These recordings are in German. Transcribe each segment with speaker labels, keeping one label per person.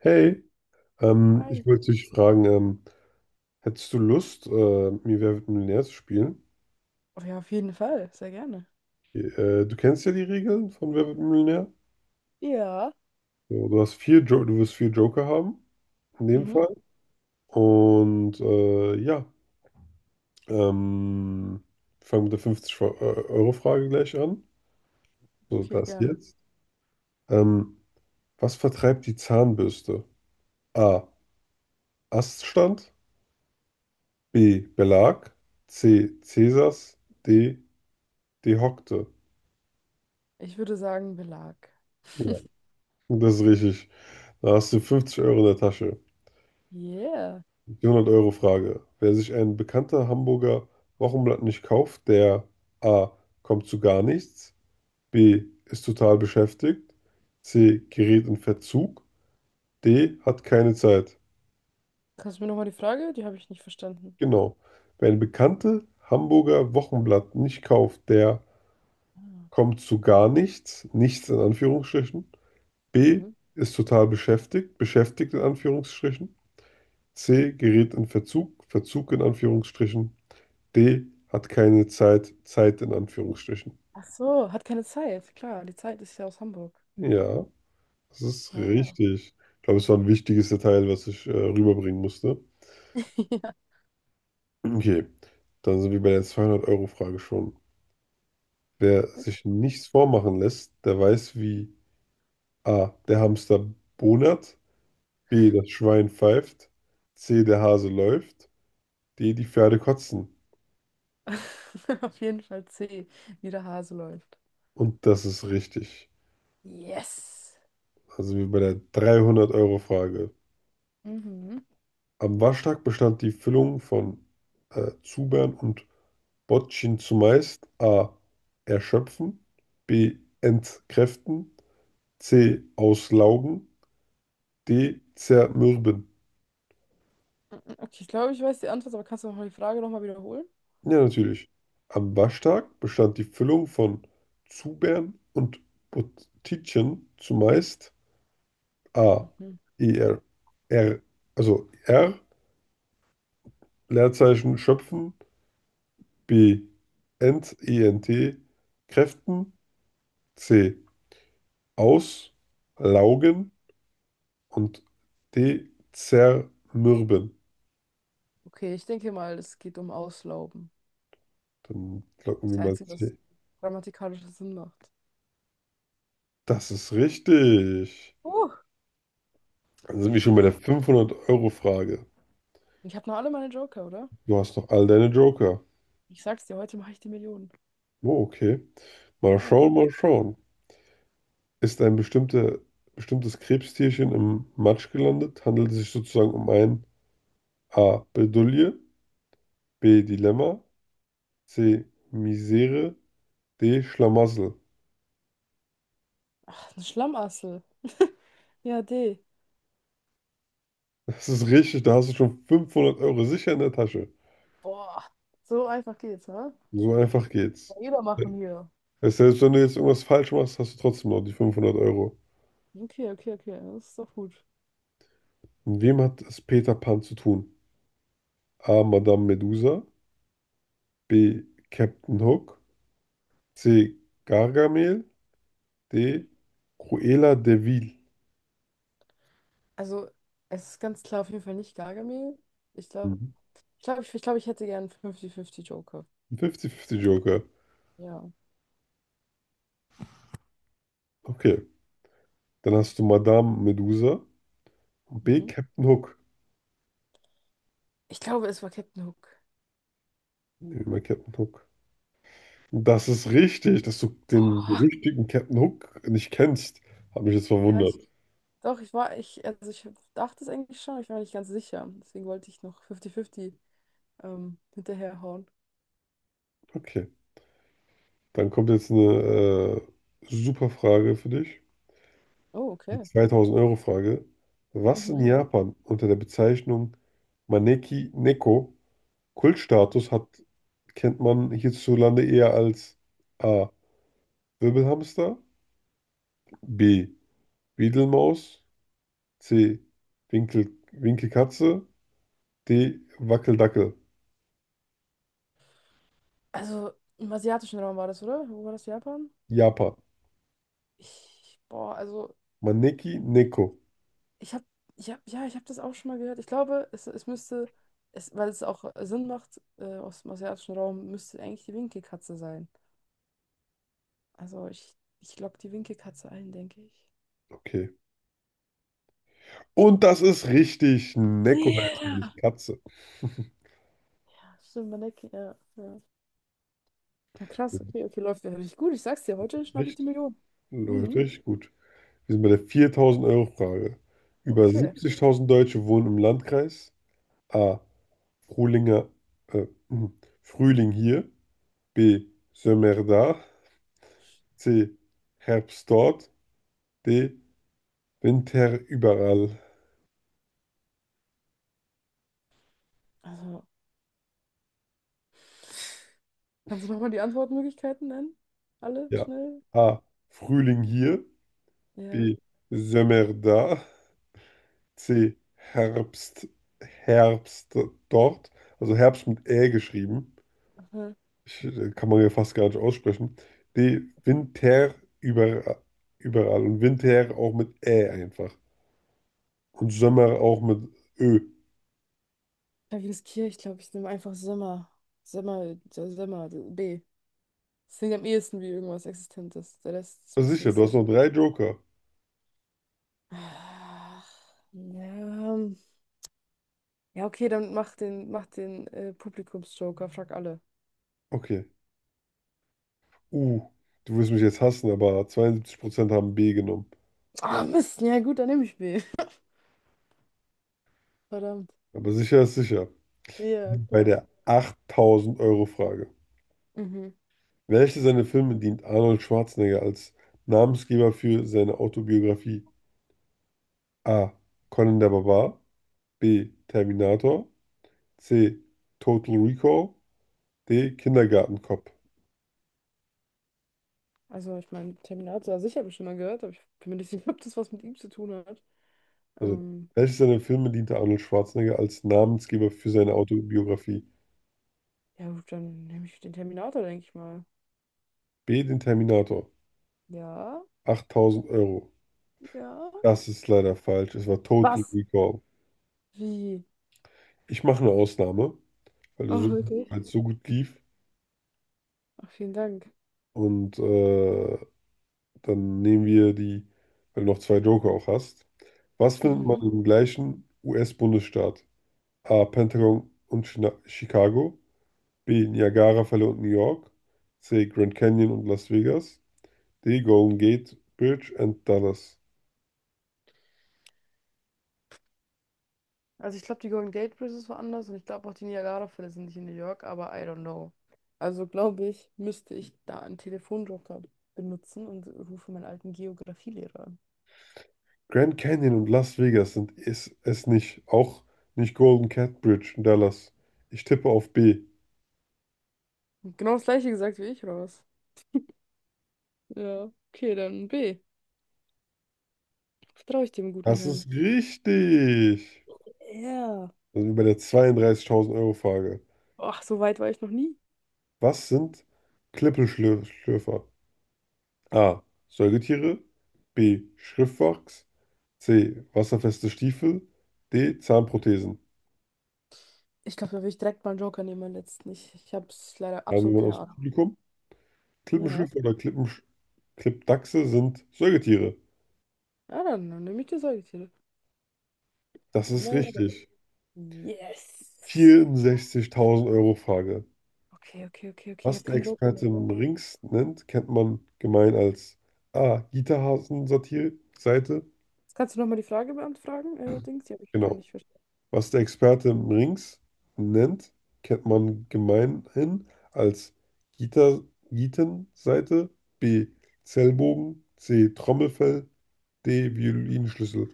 Speaker 1: Hey, ich
Speaker 2: Ei.
Speaker 1: wollte dich fragen, hättest du Lust, mir Wer wird Millionär zu spielen?
Speaker 2: Oh ja, auf jeden Fall. Sehr gerne.
Speaker 1: Du kennst ja die Regeln von Wer wird Millionär.
Speaker 2: Ja.
Speaker 1: So, du wirst vier Joker haben, in dem
Speaker 2: Mhm.
Speaker 1: Fall. Und ja, ähm, wir fange mit der 50 Euro frage gleich an. So,
Speaker 2: Okay,
Speaker 1: das
Speaker 2: gerne.
Speaker 1: jetzt. Ähm, Was vertreibt die Zahnbürste? A. Aststand. B. Belag. C. Cäsars. D. Dehockte.
Speaker 2: Ich würde sagen Belag.
Speaker 1: Ja. Das ist richtig. Da hast du 50 Euro in der Tasche.
Speaker 2: Yeah.
Speaker 1: Die 100 Euro Frage. Wer sich ein bekannter Hamburger Wochenblatt nicht kauft, der A. kommt zu gar nichts, B. ist total beschäftigt, C. gerät in Verzug, D. hat keine Zeit.
Speaker 2: Kannst du mir nochmal die Frage? Die habe ich nicht verstanden.
Speaker 1: Genau. Wer ein bekannte Hamburger Wochenblatt nicht kauft, der
Speaker 2: Ah.
Speaker 1: kommt zu gar nichts, nichts in Anführungsstrichen, B.
Speaker 2: Mhm.
Speaker 1: ist total beschäftigt, beschäftigt in Anführungsstrichen, C. gerät in Verzug, Verzug in Anführungsstrichen. D hat keine Zeit, Zeit in Anführungsstrichen.
Speaker 2: Ach so, hat keine Zeit. Klar, die Zeit ist ja aus Hamburg.
Speaker 1: Ja, das ist
Speaker 2: Naja.
Speaker 1: richtig. Ich glaube, es war ein wichtiges Detail, was ich rüberbringen musste.
Speaker 2: Ja,
Speaker 1: Okay, dann sind wir bei der 200-Euro-Frage schon. Wer sich
Speaker 2: okay.
Speaker 1: nichts vormachen lässt, der weiß, wie A. der Hamster bonert, B. das Schwein pfeift, C. der Hase läuft, D. die Pferde kotzen.
Speaker 2: Auf jeden Fall C, wie der Hase läuft.
Speaker 1: Und das ist richtig.
Speaker 2: Yes.
Speaker 1: Also wie bei der 300-Euro-Frage.
Speaker 2: Mhm.
Speaker 1: Am Waschtag bestand die Füllung von Zubern und Bottchen zumeist a. erschöpfen, b. entkräften, c. auslaugen, d. zermürben.
Speaker 2: Okay, ich glaube, ich weiß die Antwort, aber kannst du noch mal die Frage nochmal wiederholen?
Speaker 1: Ja, natürlich. Am Waschtag bestand die Füllung von Zubern und Bottitchen zumeist a.
Speaker 2: Mhm.
Speaker 1: er, er, also r. Leerzeichen schöpfen, b. ent, ent, kräften, c. auslaugen und dezermürben.
Speaker 2: Okay, ich denke mal, es geht um Auslauben.
Speaker 1: Dann
Speaker 2: Das
Speaker 1: locken
Speaker 2: ist
Speaker 1: wir
Speaker 2: der
Speaker 1: mal
Speaker 2: Einzige, was
Speaker 1: C.
Speaker 2: grammatikalisches Sinn macht.
Speaker 1: Das ist richtig.
Speaker 2: Uh.
Speaker 1: Dann sind wir schon bei
Speaker 2: Was
Speaker 1: der
Speaker 2: denn?
Speaker 1: 500 Euro frage.
Speaker 2: Ich habe noch alle meine Joker, oder?
Speaker 1: Du hast noch all deine Joker.
Speaker 2: Ich sag's dir, heute mache ich die Millionen.
Speaker 1: Oh, okay. Mal
Speaker 2: Ja.
Speaker 1: schauen, mal schauen. Ist ein bestimmtes Krebstierchen im Matsch gelandet, handelt es sich sozusagen um ein A. Bedulie, B. Dilemma, C. Misere, D. Schlamassel.
Speaker 2: Ein Schlammassel. Ja, D.
Speaker 1: Das ist richtig, da hast du schon 500 Euro sicher in der Tasche.
Speaker 2: Boah, so einfach geht's, ne?
Speaker 1: So einfach geht's.
Speaker 2: Kann Jeder machen hier.
Speaker 1: Weißt du, selbst wenn du jetzt irgendwas falsch machst, hast du trotzdem noch die 500 Euro.
Speaker 2: Okay, okay, okay, das ist doch gut.
Speaker 1: Mit wem hat es Peter Pan zu tun? A. Madame Medusa. B. Captain Hook. C. Gargamel. D. Cruella de Vil.
Speaker 2: Also, es ist ganz klar auf jeden Fall nicht Gargamel. Ich glaube,
Speaker 1: Mhm.
Speaker 2: ich glaube, glaub, ich hätte gern fünfzig fünfzig Joker.
Speaker 1: Ein 50-50 Joker.
Speaker 2: Ja.
Speaker 1: Okay. Dann hast du Madame Medusa und B.
Speaker 2: Mhm.
Speaker 1: Captain Hook.
Speaker 2: Ich glaube, es war Captain Hook.
Speaker 1: Nehmen wir mal Captain Hook. Das ist richtig, dass du den
Speaker 2: Oh,
Speaker 1: berüchtigten Captain Hook nicht kennst. Hat mich jetzt
Speaker 2: ja,
Speaker 1: verwundert.
Speaker 2: doch, also ich dachte es eigentlich schon, aber ich war nicht ganz sicher. Deswegen wollte ich noch 50-50 hinterherhauen.
Speaker 1: Okay. Dann kommt jetzt eine super Frage für dich.
Speaker 2: Oh,
Speaker 1: Die
Speaker 2: okay.
Speaker 1: 2000-Euro-Frage. Was in
Speaker 2: Mhm.
Speaker 1: Japan unter der Bezeichnung Maneki Neko Kultstatus hat, kennt man hierzulande eher als A. Wirbelhamster, B. Wiedelmaus, C. Winkelkatze, D. Wackeldackel.
Speaker 2: Also im asiatischen Raum war das, oder? Wo war das Japan?
Speaker 1: Japan.
Speaker 2: Also
Speaker 1: Maneki
Speaker 2: ich,
Speaker 1: Neko.
Speaker 2: ich habe, ich hab, ja, ich habe das auch schon mal gehört. Ich glaube, weil es auch Sinn macht, aus dem asiatischen Raum müsste eigentlich die Winkelkatze sein. Ich logge die Winkelkatze ein, denke ich.
Speaker 1: Okay. Und das ist richtig. Neko heißt diese
Speaker 2: Ja.
Speaker 1: Katze.
Speaker 2: Stimmt, man denkt, ja, ja. Ja,
Speaker 1: Das
Speaker 2: krass, okay, okay, läuft ja richtig gut. Ich sag's dir,
Speaker 1: ist
Speaker 2: heute schnapp ich die
Speaker 1: richtig.
Speaker 2: Million.
Speaker 1: Leute,
Speaker 2: Mhm,
Speaker 1: gut. Wir sind bei der 4000-Euro-Frage. Über
Speaker 2: okay.
Speaker 1: 70.000 Deutsche wohnen im Landkreis. A. Frühlinger, äh, hm, Frühling hier. B. Sommer da. C. Herbst dort. D. Winter überall.
Speaker 2: Also, kannst du nochmal die Antwortmöglichkeiten nennen? Alle
Speaker 1: Ja.
Speaker 2: schnell?
Speaker 1: A. Frühling hier.
Speaker 2: Ja.
Speaker 1: B. Sommer da. C. Herbst, Herbst dort. Also Herbst mit Ä geschrieben.
Speaker 2: Aha.
Speaker 1: Kann man ja fast gar nicht aussprechen. Nee, Winter über überall. Und Winter auch mit Ä einfach. Und Sommer auch mit Ö.
Speaker 2: Klavier, ich glaube, ich nehme einfach Sommer. Sommer, Sommer, B. Das klingt am ehesten wie irgendwas Existentes. Der Rest ist ein
Speaker 1: Ah,
Speaker 2: bisschen
Speaker 1: sicher, du hast
Speaker 2: silly.
Speaker 1: noch drei Joker.
Speaker 2: Ach, ja. Ja, okay, dann mach den Publikumsjoker, frag alle.
Speaker 1: Okay. Uh, Du wirst mich jetzt hassen, aber 72% haben B genommen.
Speaker 2: Ah, Mist, ja gut, dann nehme ich B. Verdammt.
Speaker 1: Aber sicher ist sicher.
Speaker 2: Ja,
Speaker 1: Bei
Speaker 2: klar.
Speaker 1: der 8000-Euro-Frage.
Speaker 2: Mhm.
Speaker 1: Welche seiner Filme dient Arnold Schwarzenegger als Namensgeber für seine Autobiografie? A. Conan der Barbar. B. Terminator. C. Total Recall. D. Kindergartenkopf.
Speaker 2: Also, ich meine, Terminator, also ich habe ihn schon mal gehört, aber ich bin mir nicht sicher, ob das was mit ihm zu tun hat.
Speaker 1: Also,
Speaker 2: Ähm,
Speaker 1: welches seiner Filme diente Arnold Schwarzenegger als Namensgeber für seine
Speaker 2: So.
Speaker 1: Autobiografie?
Speaker 2: Ja, gut, dann nehme ich den Terminator, denke ich mal.
Speaker 1: B. Den Terminator.
Speaker 2: Ja,
Speaker 1: 8000 Euro.
Speaker 2: ja.
Speaker 1: Das ist leider falsch. Es war Total
Speaker 2: Was?
Speaker 1: Recall.
Speaker 2: Wie?
Speaker 1: Ich mache eine Ausnahme, weil es
Speaker 2: Oh,
Speaker 1: so,
Speaker 2: wirklich?
Speaker 1: weil es so gut lief.
Speaker 2: Ach, vielen Dank.
Speaker 1: Und dann nehmen wir die, weil du noch zwei Joker auch hast. Was findet man
Speaker 2: Mhm.
Speaker 1: im gleichen US-Bundesstaat? A. Pentagon und China Chicago. B. Niagarafälle und New York. C. Grand Canyon und Las Vegas. D. Golden Gate Bridge and Dallas.
Speaker 2: Also ich glaube, die Golden Gate Bridge ist woanders und ich glaube auch die Niagara-Fälle sind nicht in New York, aber I don't know. Also glaube ich, müsste ich da einen Telefonjoker benutzen und rufe meinen alten Geografielehrer an.
Speaker 1: Grand Canyon und Las Vegas sind es, nicht. Auch nicht Golden Gate Bridge und Dallas. Ich tippe auf B.
Speaker 2: Genau das gleiche gesagt wie ich, oder was? Ja, okay, dann B. Vertraue ich dem guten
Speaker 1: Das
Speaker 2: Herrn.
Speaker 1: ist richtig.
Speaker 2: Ja.
Speaker 1: Da sind wir bei der 32.000 Euro Frage.
Speaker 2: Ach, so weit war ich noch nie.
Speaker 1: Was sind Klippelschlürfer? A. Säugetiere. B. Schriftwachs. C. Wasserfeste Stiefel. D. Zahnprothesen.
Speaker 2: Ich glaube, da würde ich direkt mal einen Joker nehmen, meinen letzten. Ich habe es leider
Speaker 1: Haben wir
Speaker 2: absolut
Speaker 1: jemanden
Speaker 2: keine
Speaker 1: aus dem
Speaker 2: Ahnung.
Speaker 1: Publikum?
Speaker 2: Ja.
Speaker 1: Klippenschlüpfer oder Klippdachse sind Säugetiere.
Speaker 2: Ja, dann nehme ich die Säugetiere.
Speaker 1: Das ist
Speaker 2: Mörder.
Speaker 1: richtig.
Speaker 2: Yes.
Speaker 1: 64.000 Euro Frage.
Speaker 2: Okay, okay, okay, okay. Ich
Speaker 1: Was
Speaker 2: habe
Speaker 1: der
Speaker 2: keinen Joker mehr,
Speaker 1: Experte
Speaker 2: oder?
Speaker 1: Rings nennt, kennt man gemein als A. Gitterhasen-Satire-Seite.
Speaker 2: Jetzt kannst du nochmal die Frage beantworten, fragen, Dings, die habe ich gar
Speaker 1: Genau.
Speaker 2: nicht verstanden.
Speaker 1: Was der Experte Rings nennt, kennt man gemeinhin als Gitter, Gitenseite. B. Zellbogen. C. Trommelfell. D. Violinschlüssel.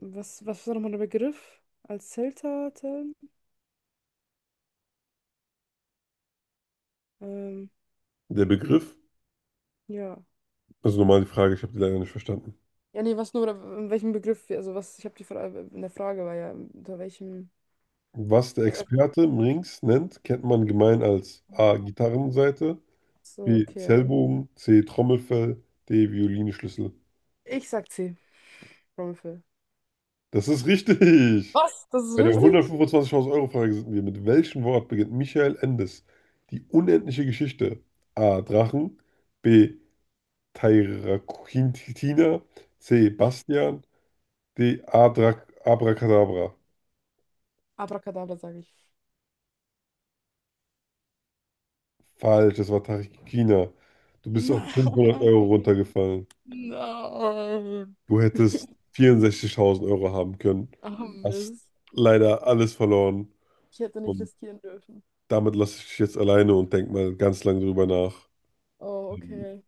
Speaker 2: Was, was war nochmal der Begriff als Zelter? Zellen? Ähm,
Speaker 1: Der Begriff,
Speaker 2: ja.
Speaker 1: also nochmal die Frage, ich habe die leider nicht verstanden.
Speaker 2: Ja, nee, was nur, in welchem Begriff, wir- also was, ich habe die Frage, in der Frage war ja, unter welchem,
Speaker 1: Was der
Speaker 2: also einfach,
Speaker 1: Experte Mrings nennt, kennt man gemein als A. Gitarrenseite,
Speaker 2: so,
Speaker 1: B.
Speaker 2: okay.
Speaker 1: Zellbogen, C. Trommelfell, D. Violinschlüssel.
Speaker 2: Ich sag C, Rumpel.
Speaker 1: Das ist richtig!
Speaker 2: Was? Das ist
Speaker 1: Bei der
Speaker 2: richtig?
Speaker 1: 125.000 Euro Frage sind wir. Mit welchem Wort beginnt Michael Endes die unendliche Geschichte? A. Drachen, B. Tairakintina, C. Bastian, D. Adra Abracadabra.
Speaker 2: Abracadabra, sage ich.
Speaker 1: Falsch, das war Tarikina. Du bist auf
Speaker 2: Nein,
Speaker 1: 500 Euro runtergefallen.
Speaker 2: nein.
Speaker 1: Du hättest 64.000 Euro haben können.
Speaker 2: Ah,
Speaker 1: Hast
Speaker 2: Mist.
Speaker 1: leider alles verloren.
Speaker 2: Ich hätte nicht
Speaker 1: Und
Speaker 2: riskieren dürfen.
Speaker 1: damit lasse ich dich jetzt alleine und denk mal ganz lang drüber nach.
Speaker 2: Oh,
Speaker 1: Ähm,
Speaker 2: okay.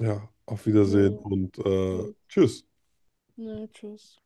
Speaker 1: Ja, auf Wiedersehen
Speaker 2: Naja,
Speaker 1: und
Speaker 2: tschüss.
Speaker 1: tschüss.
Speaker 2: Naja, tschüss.